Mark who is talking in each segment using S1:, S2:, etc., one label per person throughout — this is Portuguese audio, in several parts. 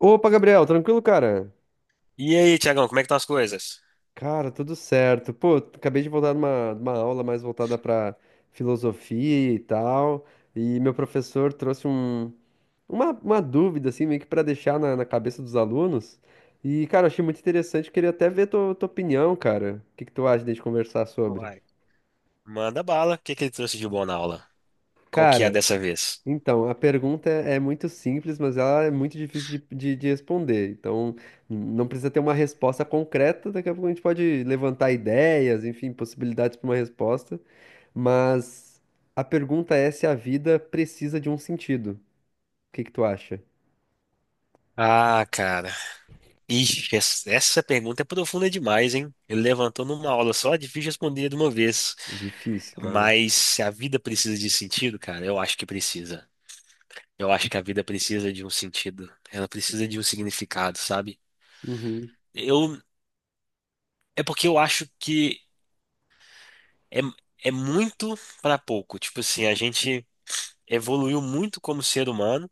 S1: Opa, Gabriel, tranquilo, cara?
S2: E aí, Tiagão, como é que estão as coisas?
S1: Cara, tudo certo. Pô, acabei de voltar de uma aula mais voltada para filosofia e tal, e meu professor trouxe um, uma dúvida, assim, meio que para deixar na, na cabeça dos alunos. E, cara, eu achei muito interessante, queria até ver tua, tua opinião, cara. O que que tu acha de a gente conversar sobre?
S2: Uai. Manda bala. O que que ele trouxe de bom na aula? Qual que é
S1: Cara,
S2: dessa vez?
S1: Então, a pergunta é muito simples, mas ela é muito difícil de responder. Então, não precisa ter uma resposta concreta. Daqui a pouco a gente pode levantar ideias, enfim, possibilidades para uma resposta. Mas a pergunta é se a vida precisa de um sentido. O que que tu acha?
S2: Ah, cara. Ixi, essa pergunta é profunda demais, hein? Ele levantou numa aula só, difícil responder de uma vez.
S1: Difícil, cara.
S2: Mas se a vida precisa de sentido, cara, eu acho que precisa. Eu acho que a vida precisa de um sentido. Ela precisa de um significado, sabe?
S1: Uhum,
S2: Eu, é porque eu acho que é, é muito para pouco. Tipo assim, a gente evoluiu muito como ser humano.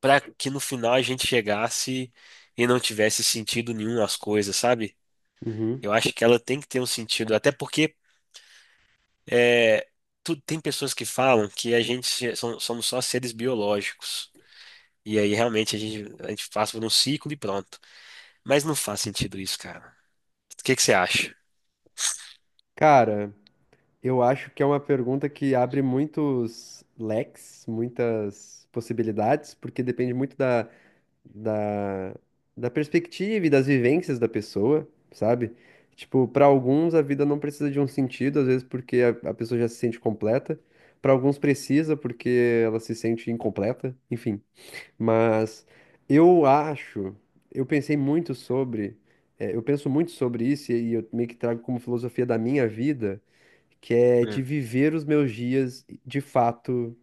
S2: Para que no final a gente chegasse e não tivesse sentido nenhum as coisas, sabe?
S1: uhum.
S2: Eu acho que ela tem que ter um sentido, até porque é, tem pessoas que falam que a gente se- som- somos só seres biológicos. E aí realmente a gente passa por um ciclo e pronto. Mas não faz sentido isso, cara. O que que você acha?
S1: Cara, eu acho que é uma pergunta que abre muitos leques, muitas possibilidades, porque depende muito da, da perspectiva e das vivências da pessoa, sabe? Tipo, para alguns a vida não precisa de um sentido, às vezes porque a pessoa já se sente completa. Para alguns precisa porque ela se sente incompleta, enfim. Mas eu acho, eu pensei muito sobre, eu penso muito sobre isso e eu meio que trago como filosofia da minha vida, que é de
S2: Hum,
S1: viver os meus dias de fato,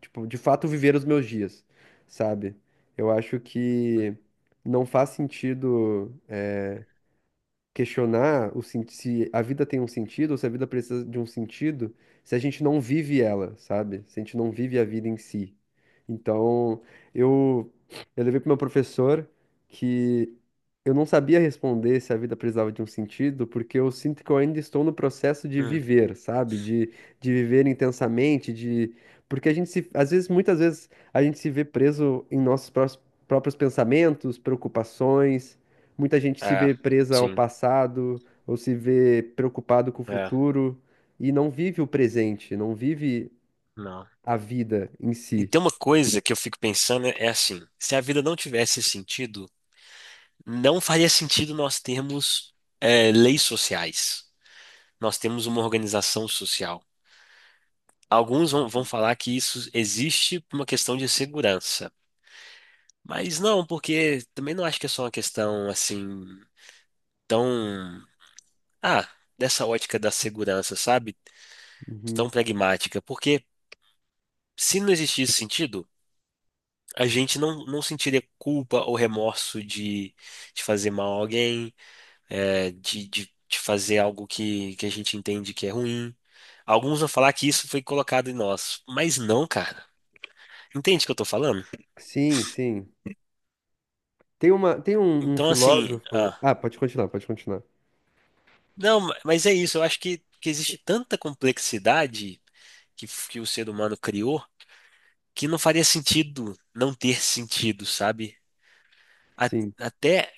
S1: tipo, de fato viver os meus dias, sabe? Eu acho que não faz sentido questionar se a vida tem um sentido ou se a vida precisa de um sentido se a gente não vive ela, sabe? Se a gente não vive a vida em si. Então, eu, eu levei para meu professor que eu não sabia responder se a vida precisava de um sentido, porque eu sinto que eu ainda estou no processo de
S2: hum,
S1: viver, sabe? De viver intensamente, de. Porque a gente se, às vezes, muitas vezes, a gente se vê preso em nossos próprios pensamentos, preocupações. Muita gente se
S2: é,
S1: vê presa ao
S2: sim,
S1: passado ou se vê preocupado com o
S2: é,
S1: futuro e não vive o presente, não vive
S2: não.
S1: a vida em
S2: E
S1: si.
S2: tem uma coisa que eu fico pensando, é assim, se a vida não tivesse sentido, não faria sentido nós termos, leis sociais. Nós temos uma organização social. Alguns vão falar que isso existe por uma questão de segurança. Mas não, porque também não acho que é só uma questão assim tão. Ah, dessa ótica da segurança, sabe?
S1: Uhum.
S2: Tão pragmática. Porque se não existisse sentido, a gente não, não sentiria culpa ou remorso de fazer mal a alguém, de fazer algo que a gente entende que é ruim. Alguns vão falar que isso foi colocado em nós, mas não, cara. Entende o que eu tô falando?
S1: Sim, sim. Tem uma, tem um, um
S2: Então, assim,
S1: filósofo.
S2: ah,
S1: Ah, pode continuar, pode continuar.
S2: não, mas é isso. Eu acho que existe tanta complexidade que o ser humano criou, que não faria sentido não ter sentido, sabe? A-
S1: Sim.
S2: até,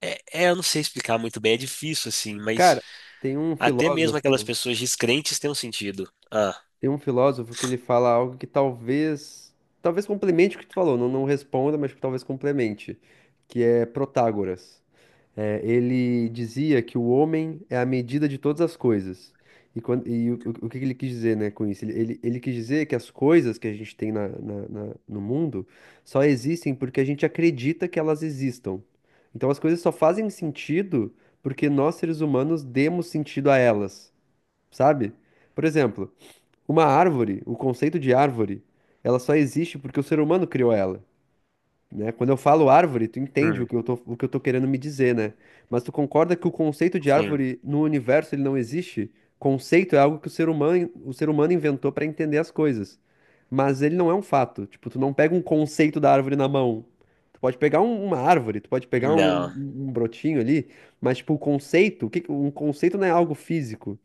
S2: eu não sei explicar muito bem, é difícil, assim, mas
S1: Cara, tem um
S2: até mesmo aquelas
S1: filósofo,
S2: pessoas descrentes têm um sentido. Ah,
S1: tem um filósofo que ele fala algo que talvez, talvez complemente o que tu falou, não, não responda, mas que talvez complemente, que é Protágoras. É, ele dizia que o homem é a medida de todas as coisas. E, e o, o que que ele quis dizer, né, com isso? Ele quis dizer que as coisas que a gente tem no mundo só existem porque a gente acredita que elas existam. Então as coisas só fazem sentido porque nós, seres humanos, demos sentido a elas, sabe? Por exemplo, uma árvore, o conceito de árvore, ela só existe porque o ser humano criou ela, né? Quando eu falo árvore, tu entende
S2: hum,
S1: o que eu tô querendo me dizer, né? Mas tu concorda que o conceito de
S2: sim,
S1: árvore no universo ele não existe? Conceito é algo que o ser humano inventou para entender as coisas. Mas ele não é um fato. Tipo, tu não pega um conceito da árvore na mão. Tu pode pegar uma árvore, tu pode pegar um,
S2: não.
S1: um brotinho ali, mas tipo, o conceito, um conceito não é algo físico.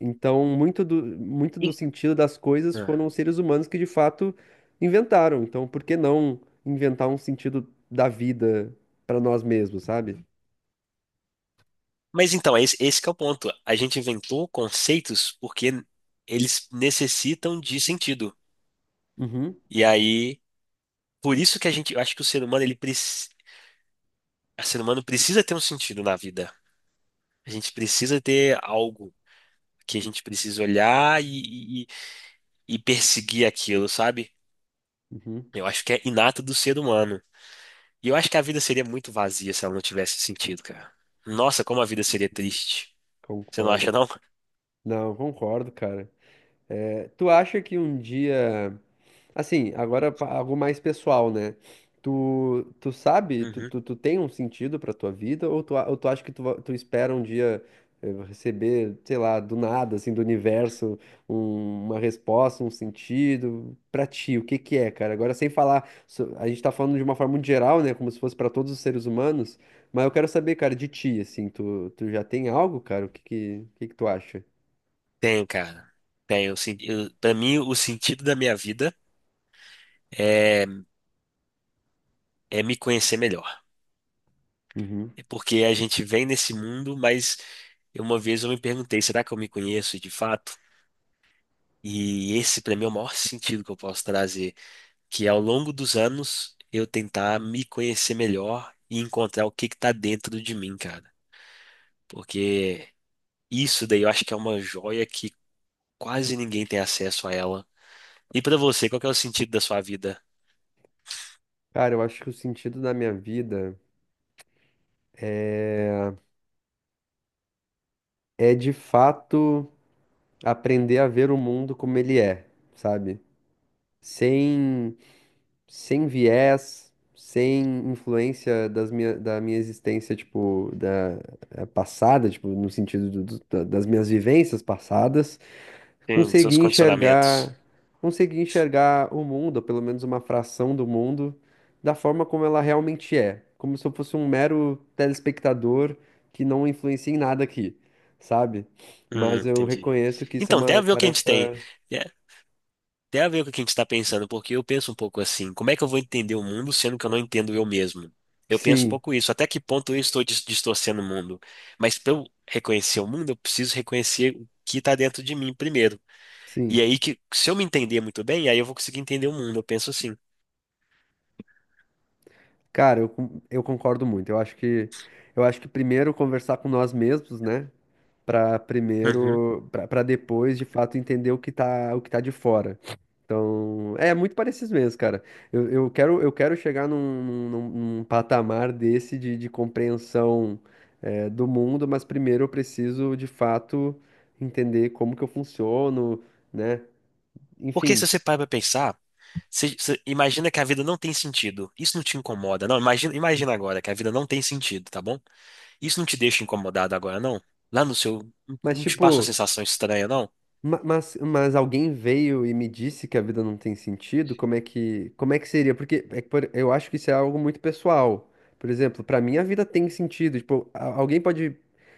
S1: Então, muito do, muito do sentido das coisas
S2: E-
S1: foram os seres humanos que de fato inventaram. Então, por que não inventar um sentido da vida para nós mesmos, sabe?
S2: Mas então, esse que é o ponto. A gente inventou conceitos porque eles necessitam de sentido.
S1: Uhum,
S2: E aí, por isso que eu acho que o ser humano precisa ter um sentido na vida. A gente precisa ter algo que a gente precisa olhar e perseguir aquilo, sabe?
S1: uhum,
S2: Eu acho que é inato do ser humano. E eu acho que a vida seria muito vazia se ela não tivesse sentido, cara. Nossa, como a vida seria triste. Você não acha,
S1: concordo.
S2: não?
S1: Não, concordo, cara. É, tu acha que um dia. Assim, agora algo mais pessoal, né? Tu, tu sabe, tu,
S2: Uhum.
S1: tu, tu tem um sentido pra tua vida ou tu, ou tu acha que tu, tu espera um dia receber, sei lá, do nada, assim, do universo, uma resposta, um sentido pra ti? O que que é, cara? Agora, sem falar, a gente tá falando de uma forma muito geral, né? Como se fosse pra todos os seres humanos, mas eu quero saber, cara, de ti, assim, tu, tu já tem algo, cara? O que que tu acha?
S2: Tem, cara. Tem. Para mim, o sentido da minha vida é, é me conhecer melhor.
S1: Uhum.
S2: É porque a gente vem nesse mundo, mas uma vez eu me perguntei, será que eu me conheço de fato? E esse, pra mim, é o maior sentido que eu posso trazer, que ao longo dos anos eu tentar me conhecer melhor e encontrar o que que tá dentro de mim, cara. Porque isso daí eu acho que é uma joia que quase ninguém tem acesso a ela. E pra você, qual que é o sentido da sua vida?
S1: Cara, eu acho que o sentido da minha vida. É é de fato aprender a ver o mundo como ele é, sabe? Sem, sem viés, sem influência da minha existência, tipo, da passada, tipo, no sentido das minhas vivências passadas.
S2: Tem seus
S1: Consegui
S2: condicionamentos?
S1: enxergar, consegui enxergar o mundo, ou pelo menos uma fração do mundo, da forma como ela realmente é, como se eu fosse um mero telespectador que não influencia em nada aqui, sabe? Mas eu
S2: Entendi.
S1: reconheço que isso é
S2: Então, tem a
S1: uma
S2: ver o que a gente tem.
S1: tarefa.
S2: é, Tem a ver com o que a gente está pensando, porque eu penso um pouco assim: como é que eu vou entender o mundo sendo que eu não entendo eu mesmo? Eu penso um
S1: Sim,
S2: pouco isso. Até que ponto eu estou distorcendo o mundo? Mas para eu reconhecer o mundo, eu preciso reconhecer o que está dentro de mim primeiro. E
S1: sim.
S2: aí que, se eu me entender muito bem, aí eu vou conseguir entender o mundo. Eu penso assim.
S1: Cara, eu, eu concordo muito. Eu acho que primeiro conversar com nós mesmos, né? Pra
S2: Uhum.
S1: primeiro, pra pra depois de fato entender o que tá de fora. Então, é muito parecido mesmo, cara. Eu quero chegar num, patamar desse de compreensão, do mundo, mas primeiro eu preciso, de fato, entender como que eu funciono, né?
S2: Porque
S1: Enfim.
S2: se você para pra pensar, você imagina que a vida não tem sentido. Isso não te incomoda. Não, imagina, imagina agora que a vida não tem sentido, tá bom? Isso não te deixa incomodado agora, não? Lá no seu.
S1: Mas,
S2: Não te passa uma
S1: tipo.
S2: sensação estranha, não?
S1: Mas alguém veio e me disse que a vida não tem sentido? Como é que seria? Porque é que, eu acho que isso é algo muito pessoal. Por exemplo, pra mim a vida tem sentido. Tipo, alguém pode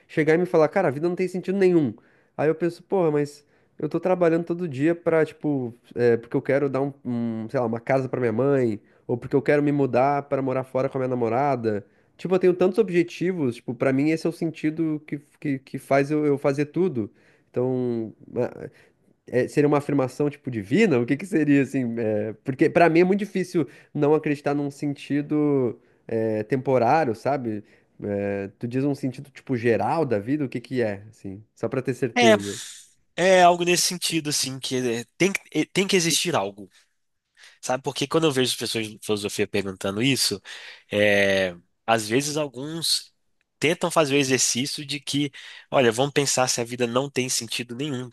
S1: chegar e me falar, cara, a vida não tem sentido nenhum. Aí eu penso, porra, mas eu tô trabalhando todo dia pra, tipo, é, porque eu quero dar um, um, sei lá, uma casa pra minha mãe, ou porque eu quero me mudar pra morar fora com a minha namorada. Tipo, eu tenho tantos objetivos, tipo, pra mim esse é o sentido que faz eu fazer tudo. Então, é, seria uma afirmação tipo divina? O que que seria assim? É, porque para mim é muito difícil não acreditar num sentido, é, temporário, sabe? É, tu diz um sentido tipo geral da vida, o que que é, assim? Só para ter
S2: É,
S1: certeza.
S2: é algo nesse sentido, assim, tem que existir algo, sabe? Porque quando eu vejo as pessoas de filosofia perguntando isso, é, às vezes alguns tentam fazer o exercício de que, olha, vamos pensar se a vida não tem sentido nenhum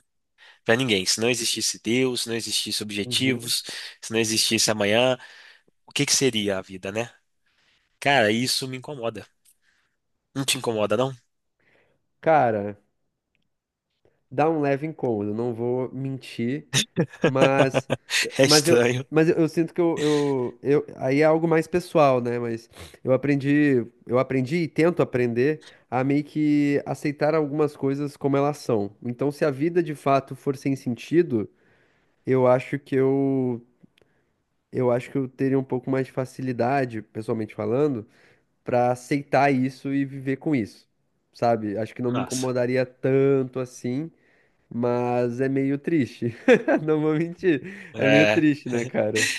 S2: para ninguém. Se não existisse Deus, se não existisse
S1: Uhum.
S2: objetivos, se não existisse amanhã, o que que seria a vida, né? Cara, isso me incomoda. Não te incomoda, não?
S1: Cara, dá um leve incômodo, não vou mentir. Mas,
S2: É
S1: mas eu,
S2: estranho.
S1: eu sinto que eu, aí é algo mais pessoal, né? Mas eu aprendi e tento aprender a meio que aceitar algumas coisas como elas são. Então, se a vida de fato for sem sentido, eu acho que eu acho que eu teria um pouco mais de facilidade, pessoalmente falando, para aceitar isso e viver com isso, sabe? Acho que não me
S2: Nossa.
S1: incomodaria tanto assim. Mas é meio triste. Não vou mentir. É meio
S2: É,
S1: triste, né, cara?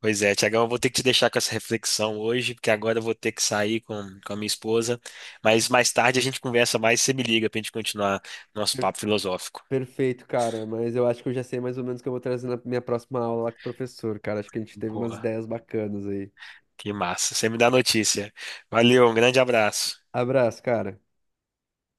S2: Pois é, Tiagão, eu vou ter que te deixar com essa reflexão hoje, porque agora eu vou ter que sair com a minha esposa. Mas mais tarde a gente conversa mais, você me liga pra gente continuar nosso papo filosófico.
S1: Perfeito, cara. Mas eu acho que eu já sei mais ou menos o que eu vou trazer na minha próxima aula lá com o professor, cara. Acho que a gente teve umas
S2: Boa,
S1: ideias bacanas aí.
S2: que massa. Você me dá notícia. Valeu, um grande abraço.
S1: Abraço, cara.